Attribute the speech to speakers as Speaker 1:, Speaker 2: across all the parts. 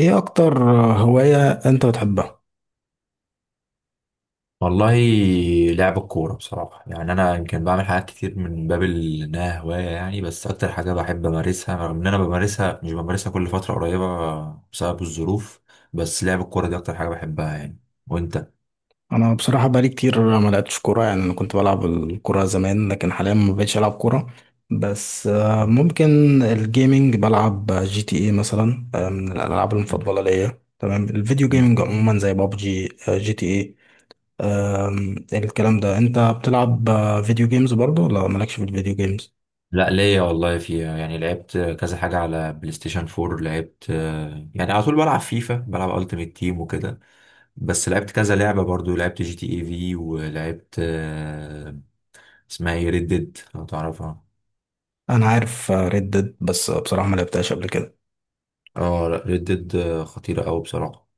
Speaker 1: ايه اكتر هواية انت بتحبها؟
Speaker 2: والله لعب الكورة بصراحة يعني أنا يمكن بعمل حاجات كتير من باب إنها هواية يعني، بس أكتر حاجة بحب أمارسها، رغم إن أنا بمارسها، مش بمارسها كل فترة قريبة بسبب الظروف. بس لعب الكورة دي أكتر حاجة بحبها يعني. وأنت؟
Speaker 1: انا بصراحة بقالي كتير ما لعبتش كورة، يعني انا كنت بلعب الكورة زمان، لكن حاليا ما بقتش العب كورة. بس ممكن الجيمينج. بلعب جي تي اي مثلا، من الالعاب المفضلة ليا. تمام. الفيديو
Speaker 2: مم.
Speaker 1: جيمينج عموما زي بابجي، جي تي اي. الكلام ده، انت بتلعب فيديو جيمز برضه، ولا مالكش في الفيديو جيمز؟
Speaker 2: لا ليا والله فيها يعني، لعبت كذا حاجة على بلاي ستيشن 4، لعبت يعني على طول بلعب فيفا، بلعب التيمت تيم وكده. بس لعبت كذا لعبة برضو، لعبت جي تي اي في، ولعبت اسمها ايه، ريد ديد لو تعرفها.
Speaker 1: انا عارف ريد ديد بس بصراحة ما لعبتهاش قبل كده.
Speaker 2: اه لا، ريد ديد خطيرة أوي بصراحة.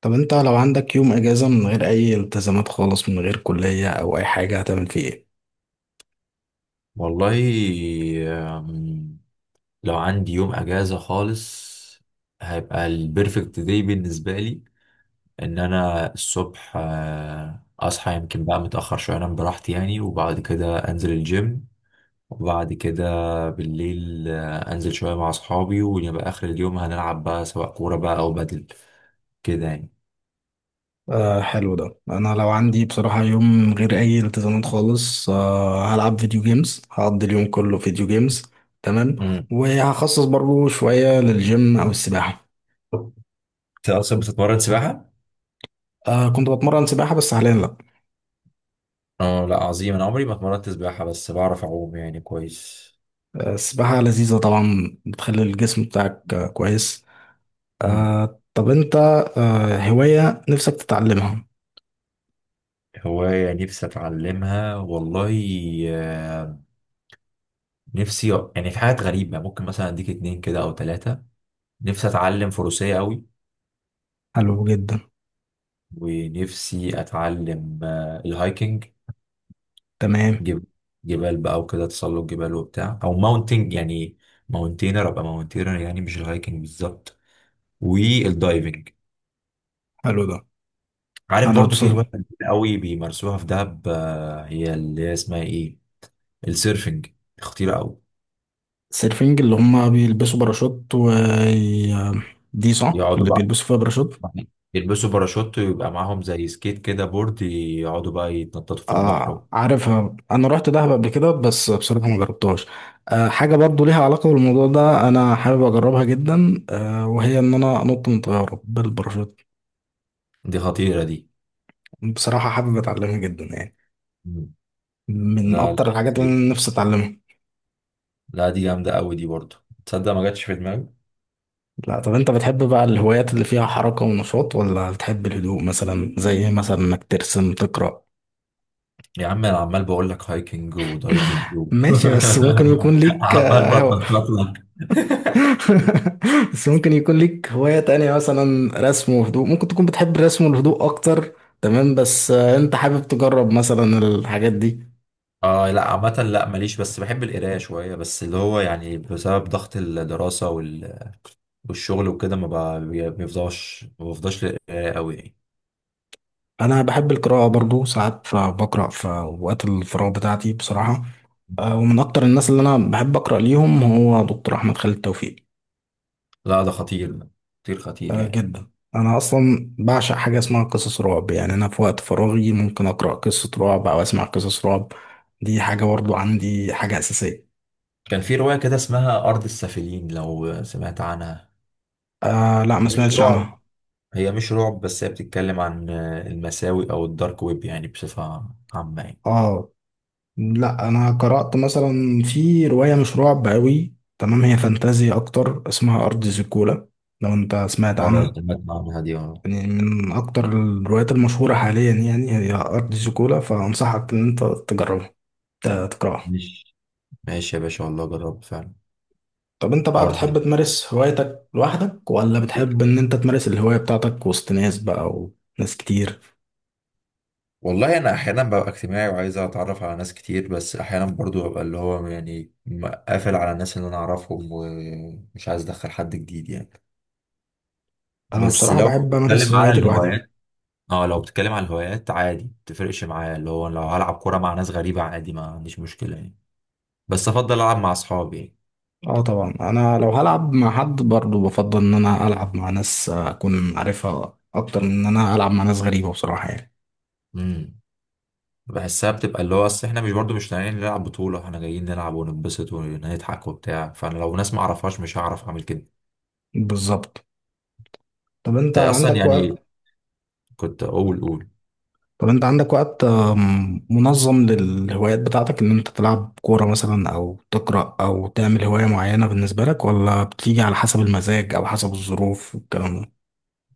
Speaker 1: طب انت لو عندك يوم اجازة من غير اي التزامات خالص، من غير كلية او اي حاجة، هتعمل فيه ايه؟
Speaker 2: والله، آم، لو عندي يوم أجازة خالص، هيبقى البرفكت داي بالنسبة لي. إن أنا الصبح أصحى يمكن بقى متأخر شوية، أنام براحتي يعني، وبعد كده أنزل الجيم. وبعد كده بالليل أنزل شوية مع أصحابي، ويبقى آخر اليوم هنلعب بقى، سواء كورة بقى أو بدل كده يعني.
Speaker 1: آه، حلو ده. انا لو عندي بصراحة يوم من غير اي التزامات خالص، هلعب فيديو جيمز، هقضي اليوم كله فيديو جيمز. تمام.
Speaker 2: مم.
Speaker 1: وهخصص برضو شوية للجيم او السباحة.
Speaker 2: أنت أصلا بتتمرن سباحة؟
Speaker 1: كنت بتمرن سباحة بس حاليا لا.
Speaker 2: اه لا عظيم، انا عمري ما اتمرنت سباحة، بس بعرف اعوم يعني كويس.
Speaker 1: السباحة لذيذة طبعا، بتخلي الجسم بتاعك كويس.
Speaker 2: مم.
Speaker 1: طب انت هواية نفسك تتعلمها؟
Speaker 2: هواية نفسي اتعلمها، والله آه، نفسي يعني، في حاجات غريبة ممكن مثلا اديك اتنين كده او تلاتة. نفسي اتعلم فروسية قوي،
Speaker 1: حلو جدا.
Speaker 2: ونفسي اتعلم الهايكنج.
Speaker 1: تمام.
Speaker 2: جب... جبال بقى وكده، تسلق جبال وبتاع، او ماونتينج يعني، ماونتينر، ابقى ماونتينر يعني، مش الهايكنج بالظبط، والدايفنج.
Speaker 1: حلو ده.
Speaker 2: عارف
Speaker 1: انا
Speaker 2: برضو في هواية
Speaker 1: بصراحة.
Speaker 2: قوي بيمارسوها في دهب هي اللي هي اسمها ايه، السيرفنج، خطيرة أوي.
Speaker 1: سيرفينج اللي هم بيلبسوا باراشوت و دي صح؟
Speaker 2: يقعدوا
Speaker 1: اللي
Speaker 2: بقى
Speaker 1: بيلبسوا فيها باراشوت؟
Speaker 2: يلبسوا باراشوت، ويبقى معاهم زي سكيت كده، بورد، يقعدوا بقى يتنططوا في البحر.
Speaker 1: عارفها، انا رحت دهب قبل كده بس بصراحه ما جربتهاش. حاجه برضو ليها علاقه بالموضوع ده، انا حابب اجربها جدا، وهي ان انا انط من طياره بالباراشوت.
Speaker 2: دي خطيرة دي.
Speaker 1: بصراحه حابب اتعلمها جدا يعني،
Speaker 2: مم.
Speaker 1: من
Speaker 2: لا لا
Speaker 1: اكتر الحاجات اللي
Speaker 2: خطيرة،
Speaker 1: انا نفسي اتعلمها.
Speaker 2: لا دي جامدة أوي دي برضه، تصدق ما جاتش في دماغي.
Speaker 1: لا. طب انت بتحب بقى الهوايات اللي فيها حركه ونشاط، ولا بتحب الهدوء مثلا زي إيه، مثلا انك ترسم، تقرا؟
Speaker 2: يا عم أنا عمال بقول لك هايكنج ودايفنج
Speaker 1: ماشي، بس ممكن يكون ليك.
Speaker 2: عمال بتنطط لك.
Speaker 1: بس ممكن يكون ليك هواية تانية، مثلا رسم وهدوء، ممكن تكون بتحب الرسم والهدوء أكتر. تمام، بس أنت حابب تجرب مثلا الحاجات دي؟
Speaker 2: اه لا عامة لا ماليش، بس بحب القراية شوية، بس اللي هو يعني بسبب ضغط الدراسة والشغل وكده، ما بقى- بيفضاش، ما بفضاش للقراية أوي يعني.
Speaker 1: انا بحب القراءه برضو، ساعات بقرا في اوقات الفراغ بتاعتي بصراحه. ومن اكتر الناس اللي انا بحب اقرا ليهم هو دكتور احمد خالد توفيق.
Speaker 2: لا ده خطير، خطير
Speaker 1: آه،
Speaker 2: يعني.
Speaker 1: جدا. انا اصلا بعشق حاجه اسمها قصص رعب، يعني انا في وقت فراغي ممكن اقرا قصه رعب او اسمع قصص رعب. دي حاجه برضو عندي، حاجه اساسيه.
Speaker 2: كان في رواية كده اسمها أرض السافلين، لو سمعت عنها.
Speaker 1: آه، لا ما
Speaker 2: مش
Speaker 1: سمعتش
Speaker 2: رعب،
Speaker 1: عنها.
Speaker 2: هي مش رعب، بس هي بتتكلم عن المساوئ أو الدارك ويب يعني، بصفة عامة يعني.
Speaker 1: اه، لا انا قرأت مثلا في رواية مش رعب قوي، تمام، هي فانتازيا اكتر، اسمها ارض زيكولا. لو انت سمعت
Speaker 2: اه
Speaker 1: عنها؟
Speaker 2: سمعت عنها دي، اه.
Speaker 1: يعني من اكتر الروايات المشهورة حاليا، يعني هي ارض زيكولا، فانصحك ان انت تجربها، تقرأها.
Speaker 2: مش ماشي يا باشا، والله جرب فعلا.
Speaker 1: طب انت بقى
Speaker 2: أرض.
Speaker 1: بتحب تمارس هوايتك لوحدك، ولا بتحب ان انت تمارس الهواية بتاعتك وسط ناس بقى، وناس كتير؟
Speaker 2: والله أنا أحيانا ببقى اجتماعي وعايز أتعرف على ناس كتير، بس أحيانا برضو ببقى اللي هو يعني قافل على الناس اللي أنا أعرفهم، ومش عايز أدخل حد جديد يعني.
Speaker 1: انا
Speaker 2: بس
Speaker 1: بصراحة
Speaker 2: لو
Speaker 1: بحب امارس
Speaker 2: بتكلم على
Speaker 1: هواياتي لوحدي.
Speaker 2: الهوايات، اه لو بتتكلم على الهوايات، عادي متفرقش معايا، اللي هو لو هلعب كورة مع ناس غريبة عادي، ما عنديش مشكلة يعني، بس افضل العب مع اصحابي يعني.
Speaker 1: اه طبعا، انا لو هلعب مع حد برضو بفضل ان انا العب مع ناس اكون عارفها، اكتر من ان انا العب مع ناس غريبة، بصراحة يعني.
Speaker 2: امم بحسها بتبقى اللي هو، اصل احنا مش برضو مش طالعين نلعب بطولة، احنا جايين نلعب ونتبسط ونضحك وبتاع، فانا لو ناس ما اعرفهاش، مش هعرف اعمل كده.
Speaker 1: بالظبط. طب انت
Speaker 2: انت اصلا
Speaker 1: عندك
Speaker 2: يعني،
Speaker 1: وقت
Speaker 2: كنت اقول قول.
Speaker 1: طب انت عندك وقت منظم للهوايات بتاعتك، ان انت تلعب كورة مثلا او تقرأ او تعمل هواية معينة بالنسبة لك، ولا بتيجي على حسب المزاج او حسب الظروف والكلام ده؟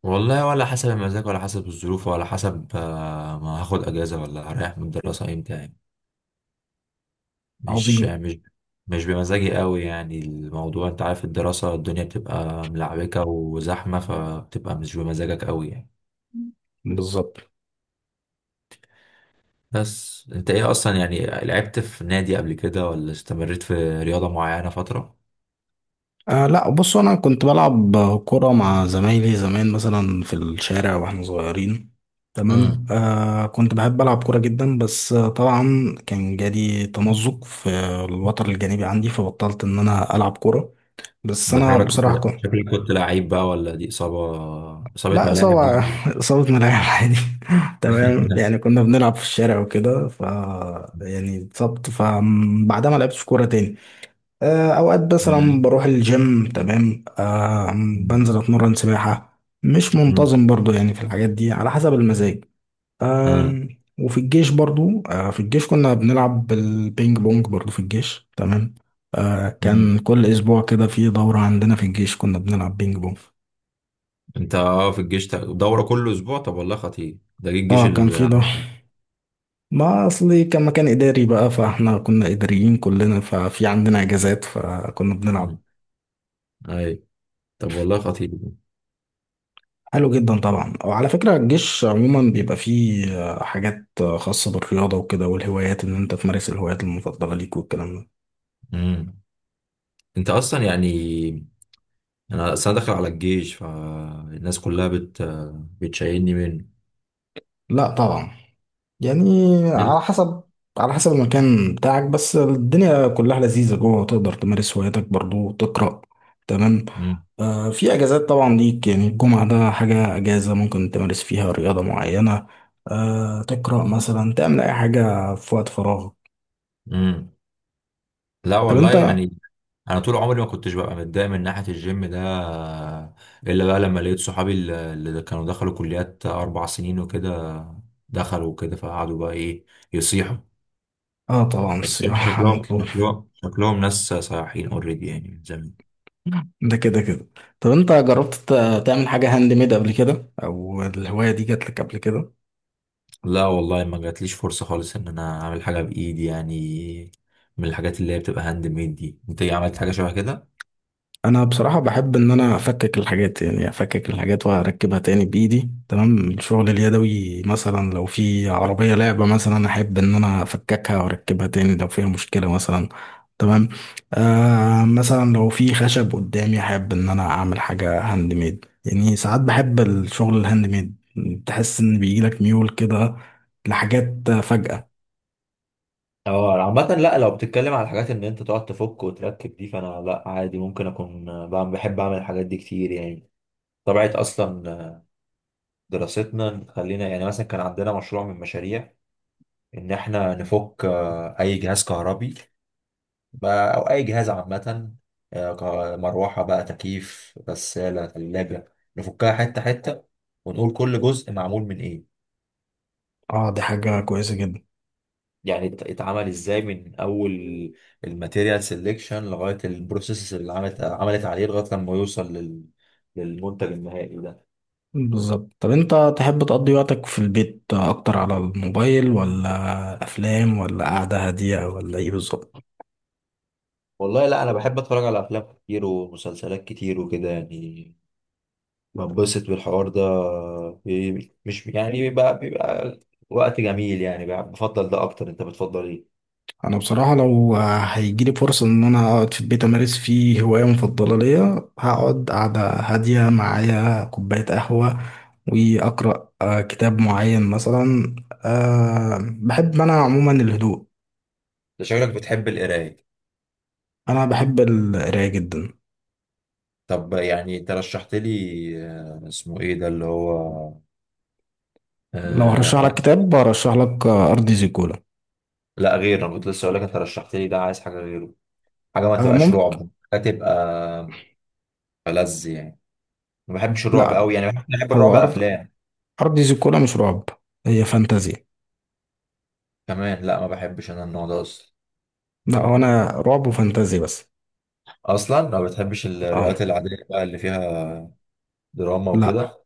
Speaker 2: والله، ولا حسب المزاج، ولا حسب الظروف، ولا حسب ما هاخد اجازة، ولا هريح من الدراسة امتى يعني. مش
Speaker 1: عظيم.
Speaker 2: مش مش بمزاجي قوي يعني الموضوع، انت عارف الدراسة الدنيا بتبقى ملعبكة وزحمة، فبتبقى مش بمزاجك قوي يعني.
Speaker 1: بالظبط.
Speaker 2: بس انت ايه اصلا يعني، لعبت في نادي قبل كده، ولا استمريت في رياضة معينة فترة.
Speaker 1: لا، بص انا كنت بلعب كرة مع زمايلي زمان، مثلا في الشارع واحنا صغيرين. تمام.
Speaker 2: امم
Speaker 1: كنت بحب العب كرة جدا، بس طبعا كان جالي تمزق في الوتر الجانبي عندي، فبطلت ان انا العب كرة. بس
Speaker 2: ده
Speaker 1: انا
Speaker 2: شكلك كنت،
Speaker 1: بصراحة
Speaker 2: لا
Speaker 1: كنت.
Speaker 2: شكلك كنت لعيب بقى، ولا دي إصابة، إصابة
Speaker 1: لا،
Speaker 2: ملاعب
Speaker 1: إصابة.
Speaker 2: دي.
Speaker 1: إصابة ملاعب عادي. تمام، يعني كنا بنلعب في الشارع وكده، يعني اتصبت، فبعدها ما لعبتش كورة تاني. اوقات مثلا
Speaker 2: مم.
Speaker 1: بروح الجيم. تمام.
Speaker 2: مم.
Speaker 1: بنزل اتمرن سباحة مش منتظم برضو، يعني في الحاجات دي على حسب المزاج.
Speaker 2: آه.
Speaker 1: آم، وفي الجيش برضو آه، في الجيش كنا بنلعب بالبينج بونج برضو، في الجيش. تمام. كان
Speaker 2: مم.
Speaker 1: كل اسبوع كده في دورة عندنا في الجيش، كنا بنلعب بينج بونج.
Speaker 2: انت اه في الجيش، دورة كل اسبوع؟ طب والله خطير ده، جه الجيش
Speaker 1: اه، كان في
Speaker 2: ال...
Speaker 1: ده. ما اصلي كان مكان اداري بقى، فاحنا كنا اداريين كلنا، ففي عندنا اجازات فكنا
Speaker 2: مم.
Speaker 1: بنلعب.
Speaker 2: اي، طب والله خطير.
Speaker 1: حلو جدا طبعا. وعلى فكرة الجيش عموما بيبقى فيه حاجات خاصة بالرياضة وكده، والهوايات، ان انت تمارس الهوايات المفضلة ليك والكلام ده.
Speaker 2: امم انت اصلا يعني، انا اصلا داخل على الجيش، فالناس كلها بتشيلني منه.
Speaker 1: لا طبعا. يعني
Speaker 2: حلو؟
Speaker 1: على حسب المكان بتاعك، بس الدنيا كلها لذيذة جوه، تقدر تمارس هواياتك برضو وتقرأ. تمام.
Speaker 2: امم.
Speaker 1: في اجازات طبعا ليك، يعني الجمعة ده حاجة اجازة ممكن تمارس فيها رياضة معينة، تقرأ مثلا، تعمل اي حاجة في وقت فراغك.
Speaker 2: امم. لا
Speaker 1: طب
Speaker 2: والله
Speaker 1: انت.
Speaker 2: يعني، انا طول عمري ما كنتش ببقى متضايق من ناحيه الجيم ده، الا بقى لما لقيت صحابي اللي كانوا دخلوا كليات 4 سنين وكده، دخلوا وكده، فقعدوا بقى ايه، يصيحوا.
Speaker 1: اه طبعا،
Speaker 2: فالجيم،
Speaker 1: السياحة
Speaker 2: شكلهم
Speaker 1: مطلوب.
Speaker 2: شكلهم شكلهم ناس صياحين اوريدي يعني من زمان.
Speaker 1: ده كده كده. طب انت جربت تعمل حاجة هاند ميد قبل كده، او الهواية دي جات لك قبل كده؟
Speaker 2: لا والله ما جاتليش فرصة خالص ان انا اعمل حاجة بايدي يعني، من الحاجات اللي هي بتبقى هاند ميد دي. انت ايه عملت حاجة شبه كده؟
Speaker 1: انا بصراحة بحب ان انا افكك الحاجات، يعني افكك الحاجات واركبها تاني بايدي. تمام، الشغل اليدوي مثلا، لو في عربية لعبة مثلا احب ان انا افككها واركبها تاني لو فيها مشكلة مثلا. تمام. مثلا لو في خشب قدامي احب ان انا اعمل حاجة هاند ميد، يعني ساعات بحب الشغل الهاند ميد. تحس ان بيجيلك ميول كده لحاجات فجأة؟
Speaker 2: اه عامة لا، لو بتتكلم على الحاجات ان انت تقعد تفك وتركب دي، فانا لا عادي، ممكن اكون بعمل، بحب اعمل الحاجات دي كتير يعني. طبيعة اصلا دراستنا خلينا، يعني مثلا كان عندنا مشروع من مشاريع ان احنا نفك اي جهاز كهربي، او اي جهاز عامه، مروحه بقى، تكييف، غساله، ثلاجه، نفكها حته حته، ونقول كل جزء معمول من ايه،
Speaker 1: اه، دي حاجة كويسة جدا.
Speaker 2: يعني اتعمل ازاي، من اول الماتيريال سيلكشن لغايه البروسيس اللي عملت عليه، لغايه لما يوصل لل... للمنتج النهائي ده.
Speaker 1: بالظبط. طب انت تحب تقضي وقتك في البيت اكتر على الموبايل، ولا افلام، ولا قعدة هادية، ولا ايه بالظبط؟
Speaker 2: والله لا، انا بحب اتفرج على افلام كتير ومسلسلات كتير وكده يعني، بنبسط بالحوار ده. مش يعني، بيبقى وقت جميل يعني، بفضل ده اكتر. انت بتفضل ايه؟
Speaker 1: انا بصراحة لو هيجيلي فرصة ان انا اقعد في البيت، امارس فيه هواية مفضلة ليا، هقعد قعدة هادية معايا كوباية قهوة واقرأ كتاب معين مثلا. أه، بحب انا عموما الهدوء.
Speaker 2: ده شكلك بتحب القراية.
Speaker 1: انا بحب القراية جدا.
Speaker 2: طب يعني انت رشحت لي اسمه ايه ده اللي هو،
Speaker 1: لو
Speaker 2: آه
Speaker 1: هرشح لك
Speaker 2: آه،
Speaker 1: كتاب هرشح لك ارض زيكولا.
Speaker 2: لا غير، انا كنت لسه اقول لك انت رشحت لي ده، عايز حاجة غيره، حاجة ما تبقاش
Speaker 1: ممكن.
Speaker 2: رعب، حاجة تبقى ألذ يعني، ما بحبش الرعب
Speaker 1: لا،
Speaker 2: قوي يعني، بحب الرعب
Speaker 1: هو ارض
Speaker 2: افلام
Speaker 1: ارض زيكولا مش رعب، هي فانتازي.
Speaker 2: كمان، لا ما بحبش انا النوع ده اصلا.
Speaker 1: لا، هو انا رعب وفانتازي بس.
Speaker 2: اصلا ما بتحبش
Speaker 1: اه،
Speaker 2: الروايات العادية بقى اللي فيها دراما
Speaker 1: لا
Speaker 2: وكده.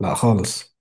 Speaker 1: لا خالص.